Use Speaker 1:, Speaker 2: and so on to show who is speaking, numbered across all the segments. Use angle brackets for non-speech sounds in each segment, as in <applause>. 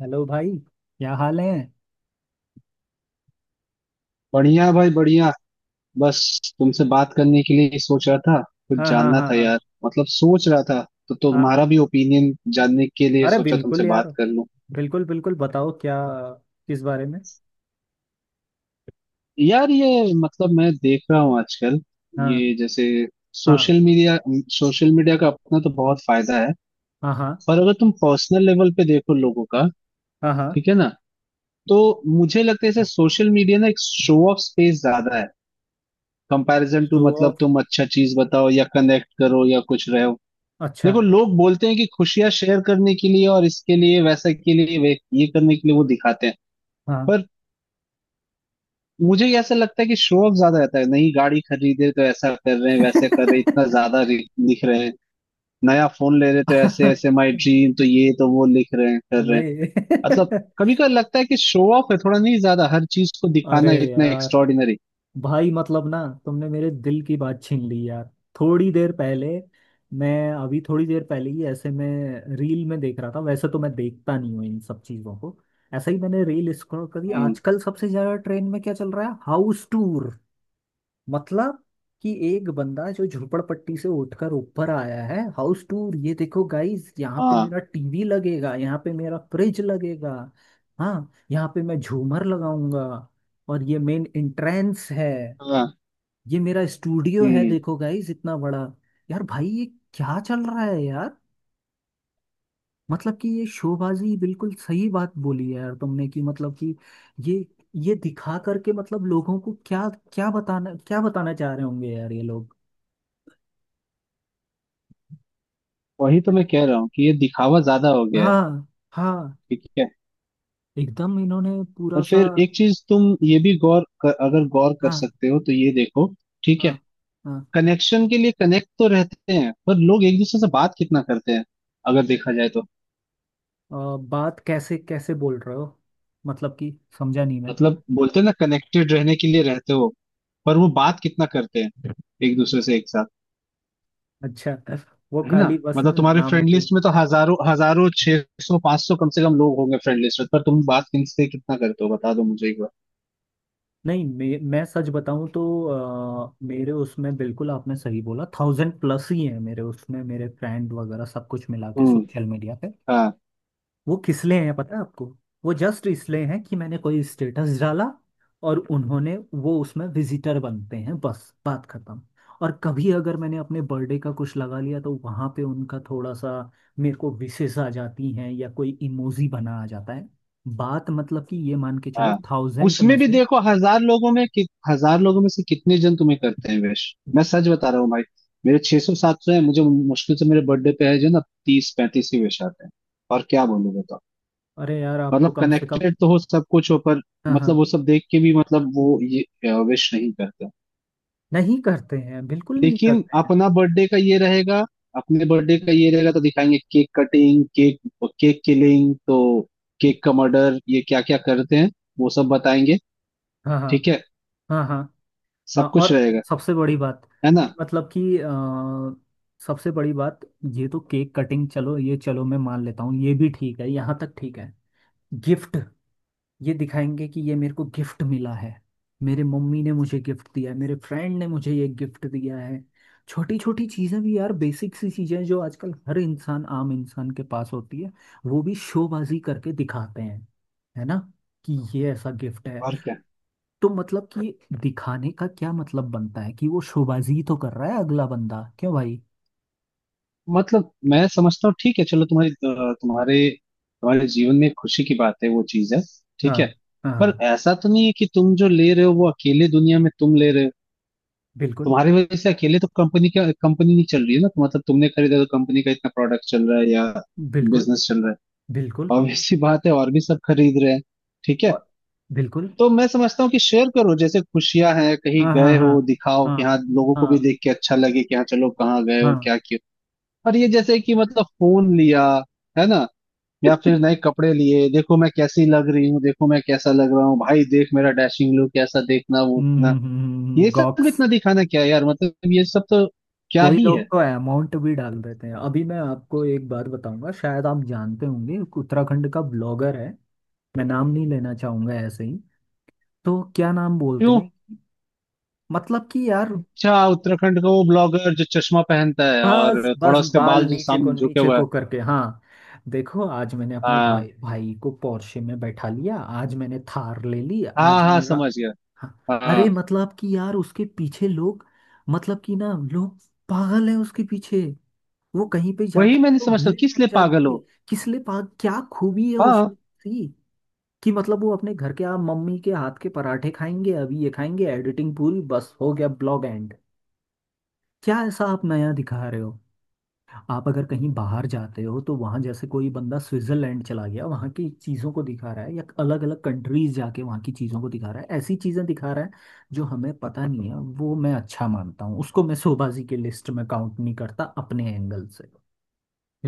Speaker 1: Hello भाई। क्या हाल है?
Speaker 2: बढ़िया भाई बढ़िया। बस तुमसे बात करने के लिए ही सोच रहा था। कुछ
Speaker 1: हाँ हाँ
Speaker 2: जानना
Speaker 1: हाँ
Speaker 2: था यार।
Speaker 1: हाँ
Speaker 2: मतलब सोच रहा था तो
Speaker 1: हाँ।
Speaker 2: तुम्हारा भी ओपिनियन जानने के लिए
Speaker 1: अरे
Speaker 2: सोचा
Speaker 1: बिल्कुल
Speaker 2: तुमसे
Speaker 1: यार।
Speaker 2: बात कर लूं।
Speaker 1: बिल्कुल बिल्कुल बताओ, क्या, किस बारे में?
Speaker 2: यार ये मतलब मैं देख रहा हूँ आजकल
Speaker 1: हाँ
Speaker 2: ये जैसे
Speaker 1: हाँ
Speaker 2: सोशल मीडिया सोशल मीडिया का अपना तो बहुत फायदा है।
Speaker 1: हाँ हाँ
Speaker 2: पर अगर तुम पर्सनल लेवल पे देखो लोगों का,
Speaker 1: हाँ हाँ।
Speaker 2: ठीक है ना? तो मुझे लगता है जैसे सोशल मीडिया ना एक शो ऑफ स्पेस ज्यादा है कंपैरिजन टू,
Speaker 1: शो
Speaker 2: मतलब
Speaker 1: ऑफ,
Speaker 2: तुम अच्छा चीज बताओ या कनेक्ट करो या कुछ रहो।
Speaker 1: अच्छा।
Speaker 2: देखो लोग बोलते हैं कि खुशियां शेयर करने के लिए और इसके लिए वैसा के लिए वे ये करने के लिए वो दिखाते हैं।
Speaker 1: हाँ।
Speaker 2: पर मुझे ये ऐसा लगता है कि शो ऑफ ज्यादा रहता है। नई गाड़ी खरीदे तो ऐसा कर रहे हैं वैसे कर रहे हैं, इतना ज्यादा
Speaker 1: <laughs>
Speaker 2: लिख रहे हैं। नया फोन ले रहे तो ऐसे ऐसे माई ड्रीम, तो ये तो वो लिख रहे हैं कर रहे हैं।
Speaker 1: नहीं।
Speaker 2: मतलब कभी कभी लगता है कि शो ऑफ है थोड़ा नहीं ज्यादा, हर चीज को
Speaker 1: <laughs> अरे
Speaker 2: दिखाना इतना
Speaker 1: यार,
Speaker 2: एक्स्ट्रॉर्डिनरी।
Speaker 1: भाई मतलब ना, तुमने मेरे दिल की बात छीन ली यार। थोड़ी देर पहले, मैं अभी थोड़ी देर पहले ही ऐसे में रील में देख रहा था। वैसे तो मैं देखता नहीं हूँ इन सब चीज़ों को। ऐसे ही मैंने रील स्क्रॉल करी।
Speaker 2: हम्म।
Speaker 1: आजकल सबसे ज़्यादा ट्रेंड में क्या चल रहा है? House tour. मतलब कि एक बंदा जो झोपड़पट्टी से उठकर ऊपर आया है, हाउस टूर। ये देखो गाइस, यहाँ पे
Speaker 2: हाँ
Speaker 1: मेरा टीवी लगेगा, यहाँ पे मेरा फ्रिज लगेगा। हाँ, यहाँ पे मैं झूमर लगाऊंगा, और ये मेन एंट्रेंस है।
Speaker 2: हाँ।
Speaker 1: ये मेरा स्टूडियो है,
Speaker 2: हम्म।
Speaker 1: देखो गाइस इतना बड़ा। यार भाई, ये क्या चल रहा है यार। मतलब कि ये शोबाजी, बिल्कुल सही बात बोली है यार तुमने। कि मतलब कि ये ये दिखा करके मतलब लोगों को क्या क्या बताना, क्या बताना चाह रहे होंगे यार ये लोग।
Speaker 2: वही तो मैं कह रहा हूँ कि ये दिखावा ज्यादा हो गया है,
Speaker 1: हाँ हाँ।
Speaker 2: ठीक है।
Speaker 1: एकदम इन्होंने पूरा
Speaker 2: और
Speaker 1: सा।
Speaker 2: फिर एक चीज तुम ये भी गौर कर, अगर गौर कर
Speaker 1: हाँ
Speaker 2: सकते हो तो ये देखो, ठीक है।
Speaker 1: हाँ हाँ।
Speaker 2: कनेक्शन के लिए कनेक्ट तो रहते हैं पर लोग एक दूसरे से बात कितना करते हैं अगर देखा जाए तो।
Speaker 1: अ, बात कैसे कैसे बोल रहे हो? मतलब कि समझा नहीं मैं।
Speaker 2: मतलब बोलते हैं ना कनेक्टेड रहने के लिए रहते हो, पर वो बात कितना करते हैं एक दूसरे से एक साथ,
Speaker 1: अच्छा, वो
Speaker 2: है ना?
Speaker 1: खाली बस ना
Speaker 2: मतलब तुम्हारे
Speaker 1: नाम
Speaker 2: फ्रेंड
Speaker 1: के।
Speaker 2: लिस्ट में तो हजारों हजारों, 600 500 कम से कम लोग होंगे फ्रेंड लिस्ट में, पर तुम बात किनसे कितना करते हो बता दो मुझे एक बार।
Speaker 1: नहीं, मैं सच बताऊं तो मेरे उसमें बिल्कुल आपने सही बोला, थाउजेंड प्लस ही है मेरे उसमें, मेरे फ्रेंड वगैरह सब कुछ मिला के
Speaker 2: हम्म।
Speaker 1: सोशल मीडिया पे।
Speaker 2: हाँ।
Speaker 1: वो किस लिए हैं पता है आपको? वो जस्ट इसलिए हैं कि मैंने कोई स्टेटस डाला, और उन्होंने वो उसमें विजिटर बनते हैं, बस बात खत्म। और कभी अगर मैंने अपने बर्थडे का कुछ लगा लिया, तो वहां पे उनका थोड़ा सा मेरे को विशेष आ जाती हैं, या कोई इमोजी बना आ जाता है। बात मतलब कि ये मान के चलो,
Speaker 2: हाँ
Speaker 1: थाउजेंड में
Speaker 2: उसमें भी
Speaker 1: से।
Speaker 2: देखो 1000 लोगों में 1000 लोगों में से कितने जन तुम्हें करते हैं विश। मैं सच बता रहा हूँ भाई, मेरे 600 सौ 700 है, मुझे मुश्किल से मेरे बर्थडे पे है जो ना 30 35 ही विश आते हैं। और क्या बोलूं बताओ।
Speaker 1: अरे यार, आपको
Speaker 2: मतलब
Speaker 1: कम से कम।
Speaker 2: कनेक्टेड तो हो सब कुछ हो पर
Speaker 1: हाँ
Speaker 2: मतलब
Speaker 1: हाँ।
Speaker 2: वो सब देख के भी मतलब वो ये विश नहीं करते।
Speaker 1: नहीं करते हैं, बिल्कुल नहीं
Speaker 2: लेकिन
Speaker 1: करते हैं।
Speaker 2: अपना बर्थडे का ये रहेगा, अपने बर्थडे का ये रहेगा तो दिखाएंगे cake cutting, cake, cake killing तो, केक का मर्डर, ये क्या क्या करते हैं वो सब बताएंगे,
Speaker 1: हाँ हाँ
Speaker 2: ठीक है,
Speaker 1: हाँ हाँ। हाँ,
Speaker 2: सब कुछ
Speaker 1: और
Speaker 2: रहेगा,
Speaker 1: सबसे बड़ी बात,
Speaker 2: है ना?
Speaker 1: कि मतलब कि सबसे बड़ी बात, ये तो केक कटिंग, चलो ये चलो मैं मान लेता हूँ, ये भी ठीक है, यहाँ तक ठीक है। गिफ्ट, ये दिखाएंगे कि ये मेरे को गिफ्ट मिला है, मेरे मम्मी ने मुझे गिफ्ट दिया है, मेरे फ्रेंड ने मुझे ये गिफ्ट दिया है। छोटी छोटी चीज़ें भी यार, बेसिक सी चीज़ें जो आजकल हर इंसान, आम इंसान के पास होती है, वो भी शोबाजी करके दिखाते हैं। है ना, कि ये ऐसा गिफ्ट है।
Speaker 2: और क्या,
Speaker 1: तो मतलब कि दिखाने का क्या मतलब बनता है, कि वो शोबाजी तो कर रहा है, अगला बंदा क्यों भाई?
Speaker 2: मतलब मैं समझता हूँ, ठीक है चलो, तुम्हारे तुम्हारे तुम्हारे जीवन में खुशी की बात है वो चीज है,
Speaker 1: हाँ
Speaker 2: ठीक है।
Speaker 1: हाँ
Speaker 2: पर
Speaker 1: हाँ।
Speaker 2: ऐसा तो नहीं है कि तुम जो ले रहे हो वो अकेले दुनिया में तुम ले रहे हो।
Speaker 1: बिल्कुल
Speaker 2: तुम्हारी वजह से अकेले तो कंपनी का कंपनी नहीं चल रही है ना, तो मतलब तुमने खरीदा तो कंपनी का इतना प्रोडक्ट चल रहा है या
Speaker 1: बिल्कुल
Speaker 2: बिजनेस चल रहा
Speaker 1: बिल्कुल।
Speaker 2: है, ऑब्वियस सी बात है, और भी सब खरीद रहे हैं, ठीक है।
Speaker 1: और बिल्कुल।
Speaker 2: तो मैं समझता हूँ कि शेयर करो, जैसे खुशियां हैं कहीं
Speaker 1: हाँ हाँ
Speaker 2: गए
Speaker 1: हाँ
Speaker 2: हो, दिखाओ
Speaker 1: हाँ
Speaker 2: कि हाँ लोगों को भी
Speaker 1: हाँ
Speaker 2: देख के अच्छा लगे कि हाँ चलो कहाँ गए हो
Speaker 1: हाँ।
Speaker 2: क्या किया। और ये जैसे कि मतलब फोन लिया है ना, या
Speaker 1: हम्म
Speaker 2: फिर नए कपड़े लिए, देखो मैं कैसी लग रही हूँ, देखो मैं कैसा लग रहा हूँ, भाई देख मेरा डैशिंग लुक कैसा, देखना वो उतना, ये सब
Speaker 1: गॉक्स।
Speaker 2: इतना दिखाना क्या है यार, मतलब ये सब तो क्या
Speaker 1: कोई
Speaker 2: ही
Speaker 1: लोग
Speaker 2: है।
Speaker 1: तो अमाउंट भी डाल देते हैं। अभी मैं आपको एक बात बताऊंगा, शायद आप जानते होंगे। एक उत्तराखंड का ब्लॉगर है, मैं नाम नहीं लेना चाहूंगा ऐसे ही। तो क्या नाम बोलते
Speaker 2: क्यों?
Speaker 1: हैं, मतलब कि यार।
Speaker 2: अच्छा उत्तराखंड का वो ब्लॉगर जो चश्मा पहनता है
Speaker 1: बस
Speaker 2: और
Speaker 1: बस,
Speaker 2: थोड़ा उसके
Speaker 1: बाल
Speaker 2: बाल जो सामने झुके
Speaker 1: नीचे
Speaker 2: हुए हैं।
Speaker 1: को करके, हाँ। देखो, आज मैंने अपने भाई
Speaker 2: हाँ
Speaker 1: भाई को पोर्शे में बैठा लिया, आज मैंने थार ले ली,
Speaker 2: हाँ
Speaker 1: आज
Speaker 2: हाँ
Speaker 1: मेरा।
Speaker 2: समझ गया।
Speaker 1: हाँ। अरे
Speaker 2: हाँ।
Speaker 1: मतलब कि यार उसके पीछे लोग, मतलब कि ना, लोग पागल है उसके पीछे, वो कहीं पे जाता
Speaker 2: वही
Speaker 1: है
Speaker 2: मैंने
Speaker 1: तो
Speaker 2: समझता
Speaker 1: भीड़
Speaker 2: किस
Speaker 1: लग
Speaker 2: लिए पागल
Speaker 1: जाती है।
Speaker 2: हो?
Speaker 1: किस लिए पाग, क्या खूबी है
Speaker 2: हाँ।
Speaker 1: उसमें सी? कि मतलब वो अपने घर के, आप, मम्मी के हाथ के पराठे खाएंगे, अभी ये खाएंगे, एडिटिंग पूरी, बस हो गया ब्लॉग एंड। क्या ऐसा आप नया दिखा रहे हो? आप अगर कहीं बाहर जाते हो तो वहाँ, जैसे कोई बंदा स्विट्जरलैंड चला गया वहाँ की चीज़ों को दिखा रहा है, या अलग अलग कंट्रीज जाके वहाँ की चीज़ों को दिखा रहा है, ऐसी चीज़ें दिखा रहा है जो हमें पता नहीं है, वो मैं अच्छा मानता हूँ उसको, मैं शोबाजी की लिस्ट में काउंट नहीं करता अपने एंगल से।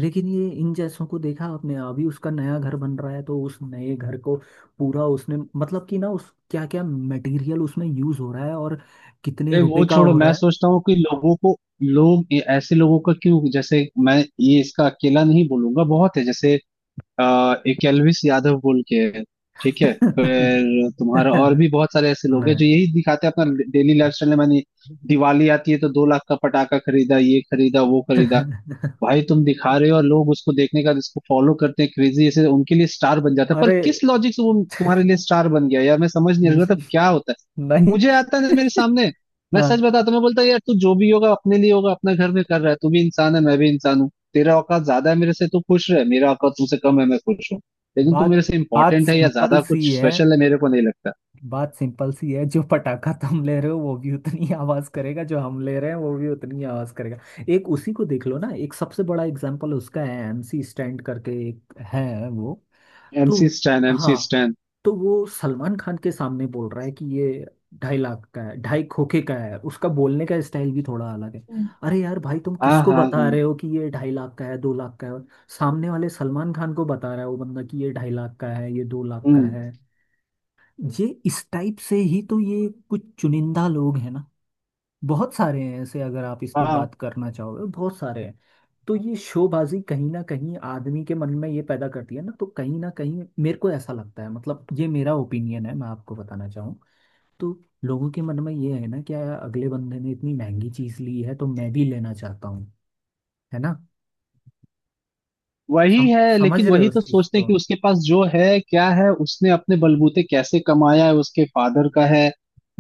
Speaker 1: लेकिन ये इन जैसों को देखा आपने, अभी उसका नया घर बन रहा है, तो उस नए घर को पूरा उसने मतलब कि ना, उस, क्या क्या मटेरियल उसमें यूज हो रहा है, और कितने रुपए
Speaker 2: वो
Speaker 1: का
Speaker 2: छोड़ो,
Speaker 1: हो
Speaker 2: मैं
Speaker 1: रहा
Speaker 2: सोचता हूँ कि लोगों को, लोग ऐसे लोगों का क्यों, जैसे मैं ये इसका अकेला नहीं बोलूंगा, बहुत है जैसे एक एल्विस यादव बोल के है, ठीक है,
Speaker 1: है।
Speaker 2: फिर तुम्हारा और भी बहुत सारे
Speaker 1: <laughs>
Speaker 2: ऐसे लोग
Speaker 1: सुना
Speaker 2: हैं जो यही दिखाते हैं अपना डेली लाइफ स्टाइल। मैंने, दिवाली आती है तो 2 लाख का पटाखा खरीदा ये खरीदा वो खरीदा।
Speaker 1: है। <laughs>
Speaker 2: भाई तुम दिखा रहे हो और लोग उसको देखने का इसको फॉलो करते हैं क्रेजी ऐसे, उनके लिए स्टार बन जाता है, पर
Speaker 1: अरे।
Speaker 2: किस लॉजिक से वो तुम्हारे लिए स्टार बन गया यार, मैं समझ नहीं आ रहा था
Speaker 1: <laughs>
Speaker 2: क्या होता है
Speaker 1: नहीं।
Speaker 2: मुझे, आता ना मेरे
Speaker 1: <laughs>
Speaker 2: सामने। मैं सच
Speaker 1: हाँ।
Speaker 2: बताता हूं, मैं बोलता यार तू जो भी होगा अपने लिए होगा, अपना घर में कर रहा है, तू भी इंसान है मैं भी इंसान हूँ, तेरा औकात ज्यादा है मेरे से तू खुश रहे, मेरा औकात तुमसे कम है मैं खुश हूँ, लेकिन तू
Speaker 1: बात
Speaker 2: मेरे से
Speaker 1: बात
Speaker 2: इंपॉर्टेंट है या
Speaker 1: सिंपल
Speaker 2: ज्यादा
Speaker 1: सी
Speaker 2: कुछ
Speaker 1: है,
Speaker 2: स्पेशल है मेरे को नहीं लगता।
Speaker 1: बात सिंपल सी है, जो पटाखा तुम ले रहे हो वो भी उतनी <laughs> आवाज करेगा, जो हम ले रहे हैं वो भी उतनी आवाज करेगा। एक उसी को देख लो ना, एक सबसे बड़ा एग्जांपल उसका है, एमसी स्टैंड करके एक है वो। तो
Speaker 2: एमसी स्टैन, एमसी
Speaker 1: हाँ,
Speaker 2: स्टैन।
Speaker 1: तो वो सलमान खान के सामने बोल रहा है कि ये 2.5 लाख का है, ढाई खोखे का है, उसका बोलने का स्टाइल भी थोड़ा अलग है।
Speaker 2: हम्म।
Speaker 1: अरे यार भाई, तुम
Speaker 2: हाँ
Speaker 1: किसको
Speaker 2: हाँ
Speaker 1: बता
Speaker 2: हाँ।
Speaker 1: रहे हो कि ये 2.5 लाख का है, 2 लाख का है। सामने वाले सलमान खान को बता रहा है वो बंदा, कि ये 2.5 लाख का है, ये 2 लाख का
Speaker 2: हम्म।
Speaker 1: है। ये इस टाइप से ही तो, ये कुछ चुनिंदा लोग हैं ना, बहुत सारे हैं ऐसे, अगर आप इस पे
Speaker 2: हाँ
Speaker 1: बात करना चाहोगे बहुत सारे हैं। तो ये शोबाजी कहीं ना कहीं आदमी के मन में ये पैदा करती है ना, तो कहीं ना कहीं मेरे को ऐसा लगता है, मतलब ये मेरा ओपिनियन है, मैं आपको बताना चाहूँ तो, लोगों के मन में ये है ना, कि यार अगले बंदे ने इतनी महंगी चीज ली है तो मैं भी लेना चाहता हूँ, है ना।
Speaker 2: वही
Speaker 1: सम,
Speaker 2: है,
Speaker 1: समझ
Speaker 2: लेकिन
Speaker 1: रहे हो
Speaker 2: वही
Speaker 1: उस
Speaker 2: तो
Speaker 1: चीज
Speaker 2: सोचते
Speaker 1: को?
Speaker 2: हैं कि उसके पास जो है क्या है, उसने अपने बलबूते कैसे कमाया है, उसके फादर का है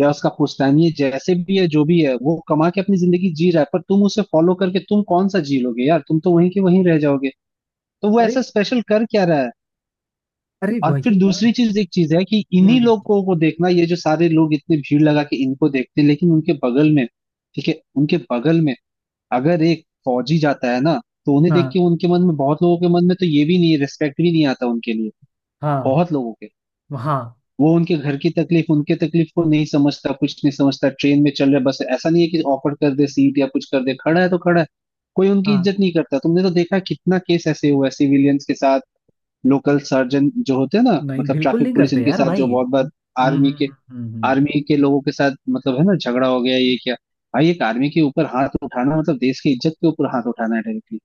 Speaker 2: या उसका पुश्तैनी है, जैसे भी है जो भी है, वो कमा के अपनी जिंदगी जी रहा है, पर तुम उसे फॉलो करके तुम कौन सा जी लोगे यार, तुम तो वहीं के वहीं रह जाओगे, तो वो
Speaker 1: अरे,
Speaker 2: ऐसा स्पेशल कर क्या रहा है।
Speaker 1: अरे
Speaker 2: और फिर
Speaker 1: वही ना।
Speaker 2: दूसरी चीज एक चीज है कि इन्हीं
Speaker 1: हम्म।
Speaker 2: लोगों को देखना, ये जो सारे लोग इतने भीड़ लगा के इनको देखते हैं, लेकिन उनके बगल में, ठीक है, उनके बगल में अगर एक फौजी जाता है ना, तो उन्हें देख
Speaker 1: हाँ
Speaker 2: के उनके मन में, बहुत लोगों के मन में तो ये भी नहीं, रिस्पेक्ट भी नहीं आता उनके लिए,
Speaker 1: हाँ
Speaker 2: बहुत लोगों के।
Speaker 1: हाँ
Speaker 2: वो उनके घर की तकलीफ, उनके तकलीफ को नहीं समझता, कुछ नहीं समझता। ट्रेन में चल रहा है, बस ऐसा नहीं है कि ऑफर कर दे सीट या कुछ कर दे, खड़ा है तो खड़ा है। कोई उनकी
Speaker 1: हाँ।
Speaker 2: इज्जत नहीं करता, तुमने तो देखा है कितना केस ऐसे हुआ है सिविलियंस के साथ, लोकल सर्जन जो होते हैं ना,
Speaker 1: नहीं,
Speaker 2: मतलब
Speaker 1: बिल्कुल
Speaker 2: ट्रैफिक
Speaker 1: नहीं
Speaker 2: पुलिस
Speaker 1: करते
Speaker 2: इनके
Speaker 1: यार
Speaker 2: साथ
Speaker 1: भाई।
Speaker 2: जो बहुत बार,
Speaker 1: हम्म
Speaker 2: आर्मी
Speaker 1: हम्म
Speaker 2: के
Speaker 1: हम्म हम्म, हम्म।
Speaker 2: आर्मी के लोगों के साथ मतलब है ना झगड़ा हो गया, ये क्या, भाई एक आर्मी के ऊपर हाथ उठाना मतलब देश की इज्जत के ऊपर हाथ उठाना है डायरेक्टली।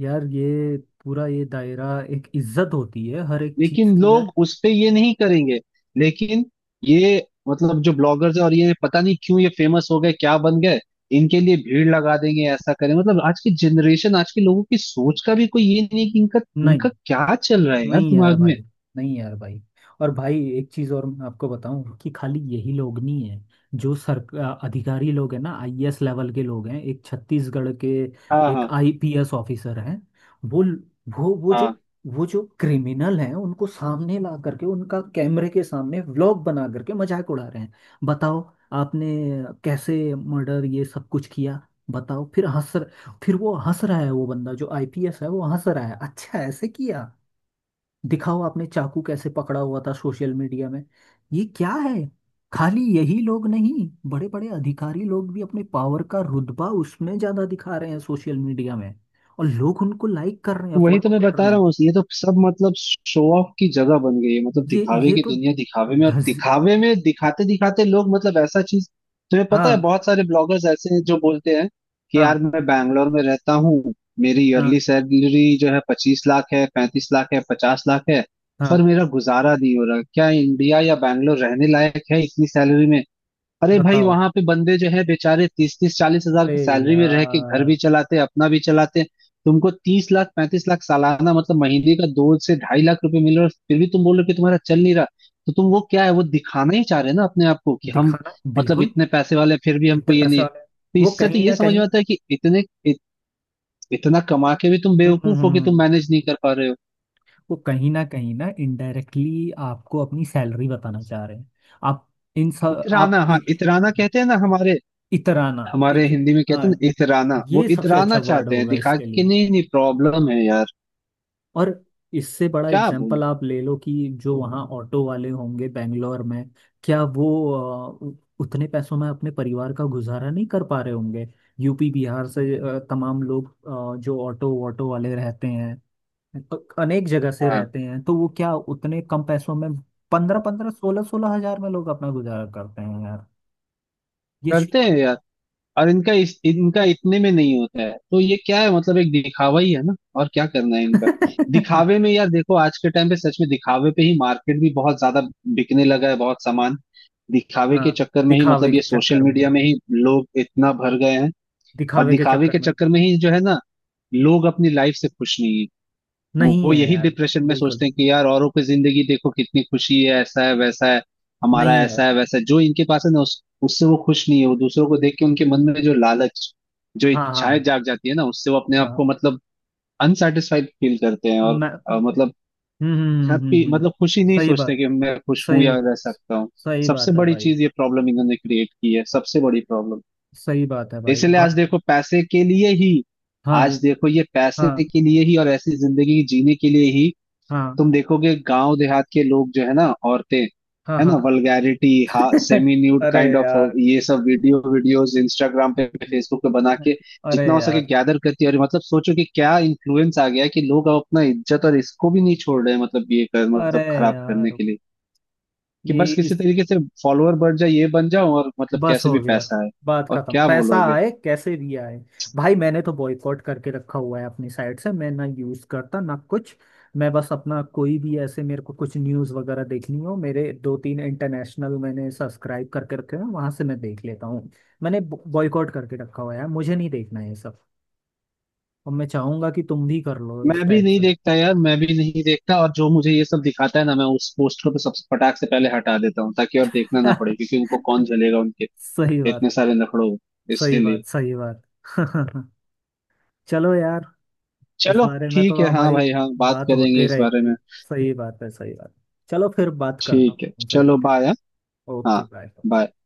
Speaker 1: यार ये पूरा ये दायरा, एक इज्जत होती है हर एक चीज
Speaker 2: लेकिन
Speaker 1: की यार।
Speaker 2: लोग उस पे ये नहीं करेंगे, लेकिन ये, मतलब जो ब्लॉगर्स है और ये पता नहीं क्यों ये फेमस हो गए क्या बन गए, इनके लिए भीड़ लगा देंगे ऐसा करें, मतलब आज की जनरेशन आज के लोगों की सोच का भी कोई ये नहीं है कि इनका
Speaker 1: नहीं।
Speaker 2: इनका क्या चल रहा है यार
Speaker 1: नहीं यार
Speaker 2: दिमाग
Speaker 1: भाई।
Speaker 2: में।
Speaker 1: नहीं यार भाई। और भाई, एक चीज़ और मैं आपको बताऊं, कि खाली यही लोग नहीं है। जो सर, अधिकारी लोग हैं ना, आईएएस लेवल के लोग हैं, एक छत्तीसगढ़ के
Speaker 2: हाँ
Speaker 1: एक
Speaker 2: हाँ
Speaker 1: आईपीएस ऑफिसर हैं। वो वो जो,
Speaker 2: हाँ।
Speaker 1: वो जो क्रिमिनल हैं उनको सामने ला करके उनका कैमरे के सामने व्लॉग बना करके मजाक उड़ा रहे हैं। बताओ आपने कैसे मर्डर ये सब कुछ किया, बताओ। फिर हंस, फिर वो हंस रहा है, वो बंदा जो आईपीएस है वो हंस रहा है, अच्छा ऐसे किया, दिखाओ, आपने चाकू कैसे पकड़ा हुआ था, सोशल मीडिया में। ये क्या है? खाली यही लोग नहीं, बड़े बड़े अधिकारी लोग भी अपने पावर का रुतबा उसमें ज्यादा दिखा रहे हैं सोशल मीडिया में, और लोग उनको लाइक कर रहे हैं,
Speaker 2: तो वही तो
Speaker 1: फॉलो
Speaker 2: मैं
Speaker 1: कर
Speaker 2: बता
Speaker 1: रहे
Speaker 2: रहा
Speaker 1: हैं।
Speaker 2: हूँ, ये तो सब मतलब शो ऑफ की जगह बन गई है, मतलब
Speaker 1: ये
Speaker 2: दिखावे
Speaker 1: ये
Speaker 2: की
Speaker 1: तो
Speaker 2: दुनिया, दिखावे में, और
Speaker 1: धस।
Speaker 2: दिखावे में दिखाते दिखाते लोग मतलब ऐसा चीज। तुम्हें पता है
Speaker 1: हाँ
Speaker 2: बहुत सारे ब्लॉगर्स ऐसे हैं जो बोलते हैं कि
Speaker 1: हाँ
Speaker 2: यार मैं बैंगलोर में रहता हूँ, मेरी
Speaker 1: हाँ
Speaker 2: ईयरली सैलरी जो है 25 लाख है 35 लाख है 50 लाख है, पर
Speaker 1: हाँ।
Speaker 2: मेरा गुजारा नहीं हो रहा, क्या इंडिया या बैंगलोर रहने लायक है इतनी सैलरी में। अरे भाई
Speaker 1: बताओ,
Speaker 2: वहां पे बंदे जो है बेचारे 30 30 40 हजार
Speaker 1: अरे
Speaker 2: की सैलरी में रह के घर
Speaker 1: यार।
Speaker 2: भी चलाते अपना भी चलाते। तुमको 30 लाख 35 लाख सालाना, मतलब महीने का दो से 2.5 लाख रुपए मिल रहा है, और फिर भी तुम बोल रहे हो कि तुम्हारा चल नहीं रहा, तो तुम वो क्या है वो दिखाना ही चाह रहे हैं ना अपने आप को कि हम
Speaker 1: दिखाना,
Speaker 2: मतलब
Speaker 1: बिल्कुल।
Speaker 2: इतने पैसे वाले हैं, फिर भी हमको
Speaker 1: इतने
Speaker 2: ये नहीं
Speaker 1: पैसे
Speaker 2: है,
Speaker 1: वाले,
Speaker 2: तो
Speaker 1: वो
Speaker 2: इससे तो
Speaker 1: कहीं
Speaker 2: ये
Speaker 1: ना
Speaker 2: समझ में
Speaker 1: कहीं।
Speaker 2: आता है कि इतना कमा के भी तुम
Speaker 1: हम्म हम्म
Speaker 2: बेवकूफ हो
Speaker 1: हम्म
Speaker 2: कि तुम
Speaker 1: हम्म।
Speaker 2: मैनेज नहीं कर पा रहे हो।
Speaker 1: वो कहीं ना इनडायरेक्टली आपको अपनी सैलरी बताना चाह रहे हैं। आप इन सब
Speaker 2: इतराना,
Speaker 1: आप
Speaker 2: हाँ इतराना कहते हैं ना हमारे,
Speaker 1: इतराना।
Speaker 2: हमारे
Speaker 1: एक,
Speaker 2: हिंदी में कहते हैं
Speaker 1: हाँ,
Speaker 2: ना इतराना, वो
Speaker 1: ये सबसे अच्छा
Speaker 2: इतराना
Speaker 1: वर्ड
Speaker 2: चाहते हैं
Speaker 1: होगा
Speaker 2: दिखा
Speaker 1: इसके
Speaker 2: के
Speaker 1: लिए।
Speaker 2: कि नहीं नहीं प्रॉब्लम है यार।
Speaker 1: और इससे बड़ा
Speaker 2: क्या बोलूं।
Speaker 1: एग्जाम्पल आप ले लो, कि जो वहाँ ऑटो वाले होंगे बेंगलोर में, क्या वो अ, उ- उतने पैसों में अपने परिवार का गुजारा नहीं कर पा रहे होंगे, यूपी बिहार से तमाम लोग, जो ऑटो ऑटो वाले रहते हैं, तो अनेक जगह से
Speaker 2: हाँ
Speaker 1: रहते हैं, तो वो क्या उतने कम पैसों में, 15-15, 16-16 हजार में लोग अपना गुजारा करते हैं यार। ये
Speaker 2: करते
Speaker 1: शुभ।
Speaker 2: हैं यार, और इनका इतने में नहीं होता है तो ये क्या है मतलब एक दिखावा ही है ना, और क्या करना है इनका। दिखावे
Speaker 1: <laughs>
Speaker 2: में यार देखो आज के टाइम पे सच में दिखावे पे ही मार्केट भी बहुत ज्यादा बिकने लगा है, बहुत सामान दिखावे
Speaker 1: हाँ।
Speaker 2: के चक्कर में ही,
Speaker 1: दिखावे
Speaker 2: मतलब
Speaker 1: के
Speaker 2: ये सोशल
Speaker 1: चक्कर में,
Speaker 2: मीडिया में ही लोग इतना भर गए हैं। और
Speaker 1: दिखावे के
Speaker 2: दिखावे
Speaker 1: चक्कर
Speaker 2: के
Speaker 1: में।
Speaker 2: चक्कर में ही जो है ना, लोग अपनी लाइफ से खुश नहीं है। वो
Speaker 1: नहीं
Speaker 2: वो
Speaker 1: है
Speaker 2: यही
Speaker 1: यार,
Speaker 2: डिप्रेशन में
Speaker 1: बिल्कुल
Speaker 2: सोचते हैं कि यार औरों की जिंदगी देखो कितनी खुशी है ऐसा है वैसा है,
Speaker 1: नहीं
Speaker 2: हमारा
Speaker 1: है यार।
Speaker 2: ऐसा है वैसा है, जो इनके पास है ना उस उससे वो खुश नहीं है, वो दूसरों को देख के उनके मन में जो लालच, जो
Speaker 1: हाँ
Speaker 2: इच्छाएं
Speaker 1: हाँ
Speaker 2: जाग जाती है ना, उससे वो अपने आप को
Speaker 1: हाँ।
Speaker 2: मतलब अनसेटिस्फाइड फील करते हैं, और
Speaker 1: मैं, हम्म।
Speaker 2: मतलब
Speaker 1: हम्म हम्म,
Speaker 2: हैप्पी
Speaker 1: हम्म, हम्म।
Speaker 2: मतलब खुशी नहीं
Speaker 1: सही
Speaker 2: सोचते
Speaker 1: बात,
Speaker 2: कि मैं खुश हूं
Speaker 1: सही।
Speaker 2: या रह सकता हूँ।
Speaker 1: सही
Speaker 2: सबसे
Speaker 1: बात है
Speaker 2: बड़ी
Speaker 1: भाई।
Speaker 2: चीज ये प्रॉब्लम इन्होंने क्रिएट की है, सबसे बड़ी प्रॉब्लम।
Speaker 1: सही बात है भाई
Speaker 2: इसलिए आज देखो पैसे के लिए ही,
Speaker 1: हाँ
Speaker 2: आज देखो ये पैसे
Speaker 1: हाँ
Speaker 2: के लिए ही और ऐसी जिंदगी जीने के लिए ही
Speaker 1: हाँ
Speaker 2: तुम देखोगे गांव देहात के लोग जो है ना, औरतें,
Speaker 1: हाँ
Speaker 2: है
Speaker 1: हाँ।
Speaker 2: ना, वल्गैरिटी, हा,
Speaker 1: <laughs>
Speaker 2: सेमी न्यूड
Speaker 1: अरे
Speaker 2: काइंड ऑफ
Speaker 1: यार।
Speaker 2: ये सब वीडियोस इंस्टाग्राम पे फेसबुक पे बना के
Speaker 1: अरे
Speaker 2: जितना हो सके
Speaker 1: यार।
Speaker 2: गैदर करती है, और मतलब सोचो कि क्या इन्फ्लुएंस आ गया है कि लोग अब अपना इज्जत और इसको भी नहीं छोड़ रहे हैं, मतलब ये कर
Speaker 1: अरे
Speaker 2: मतलब खराब करने
Speaker 1: यार,
Speaker 2: के लिए कि
Speaker 1: ये
Speaker 2: बस किसी
Speaker 1: इस,
Speaker 2: तरीके से फॉलोअर बढ़ जाए ये बन जाओ और मतलब
Speaker 1: बस
Speaker 2: कैसे
Speaker 1: हो
Speaker 2: भी
Speaker 1: गया,
Speaker 2: पैसा है।
Speaker 1: बात
Speaker 2: और
Speaker 1: खत्म,
Speaker 2: क्या
Speaker 1: पैसा
Speaker 2: बोलोगे।
Speaker 1: आए कैसे भी आए। भाई मैंने तो बॉयकॉट करके रखा हुआ है अपनी साइड से, मैं ना यूज करता ना कुछ। मैं बस अपना कोई भी ऐसे, मेरे को कुछ न्यूज वगैरह देखनी हो, मेरे दो तीन इंटरनेशनल मैंने सब्सक्राइब करके रखे हैं, वहां से मैं देख लेता हूँ। मैंने बॉयकॉट करके रखा हुआ है, मुझे नहीं देखना है ये सब। और मैं चाहूंगा कि तुम भी कर लो इस
Speaker 2: मैं भी
Speaker 1: टाइप
Speaker 2: नहीं
Speaker 1: से।
Speaker 2: देखता यार, मैं भी नहीं देखता, और जो मुझे ये सब दिखाता है ना मैं उस पोस्टर पे सबसे फटाक से पहले हटा देता हूँ ताकि और देखना ना पड़े,
Speaker 1: <laughs>
Speaker 2: क्योंकि उनको कौन झलेगा उनके
Speaker 1: सही बात,
Speaker 2: इतने सारे नखड़ों,
Speaker 1: सही
Speaker 2: इसीलिए।
Speaker 1: बात, सही बात। <laughs> चलो यार, इस
Speaker 2: चलो।
Speaker 1: बारे में तो
Speaker 2: ठीक है, हाँ
Speaker 1: हमारी
Speaker 2: भाई हाँ बात
Speaker 1: बात
Speaker 2: करेंगे
Speaker 1: होते
Speaker 2: इस बारे
Speaker 1: रहेगी।
Speaker 2: में।
Speaker 1: सही बात है, सही बात है। चलो फिर बात करता हूँ
Speaker 2: ठीक है
Speaker 1: तुमसे,
Speaker 2: चलो,
Speaker 1: ठीक है।
Speaker 2: बाय। हाँ,
Speaker 1: ओके
Speaker 2: बाय।
Speaker 1: बाय।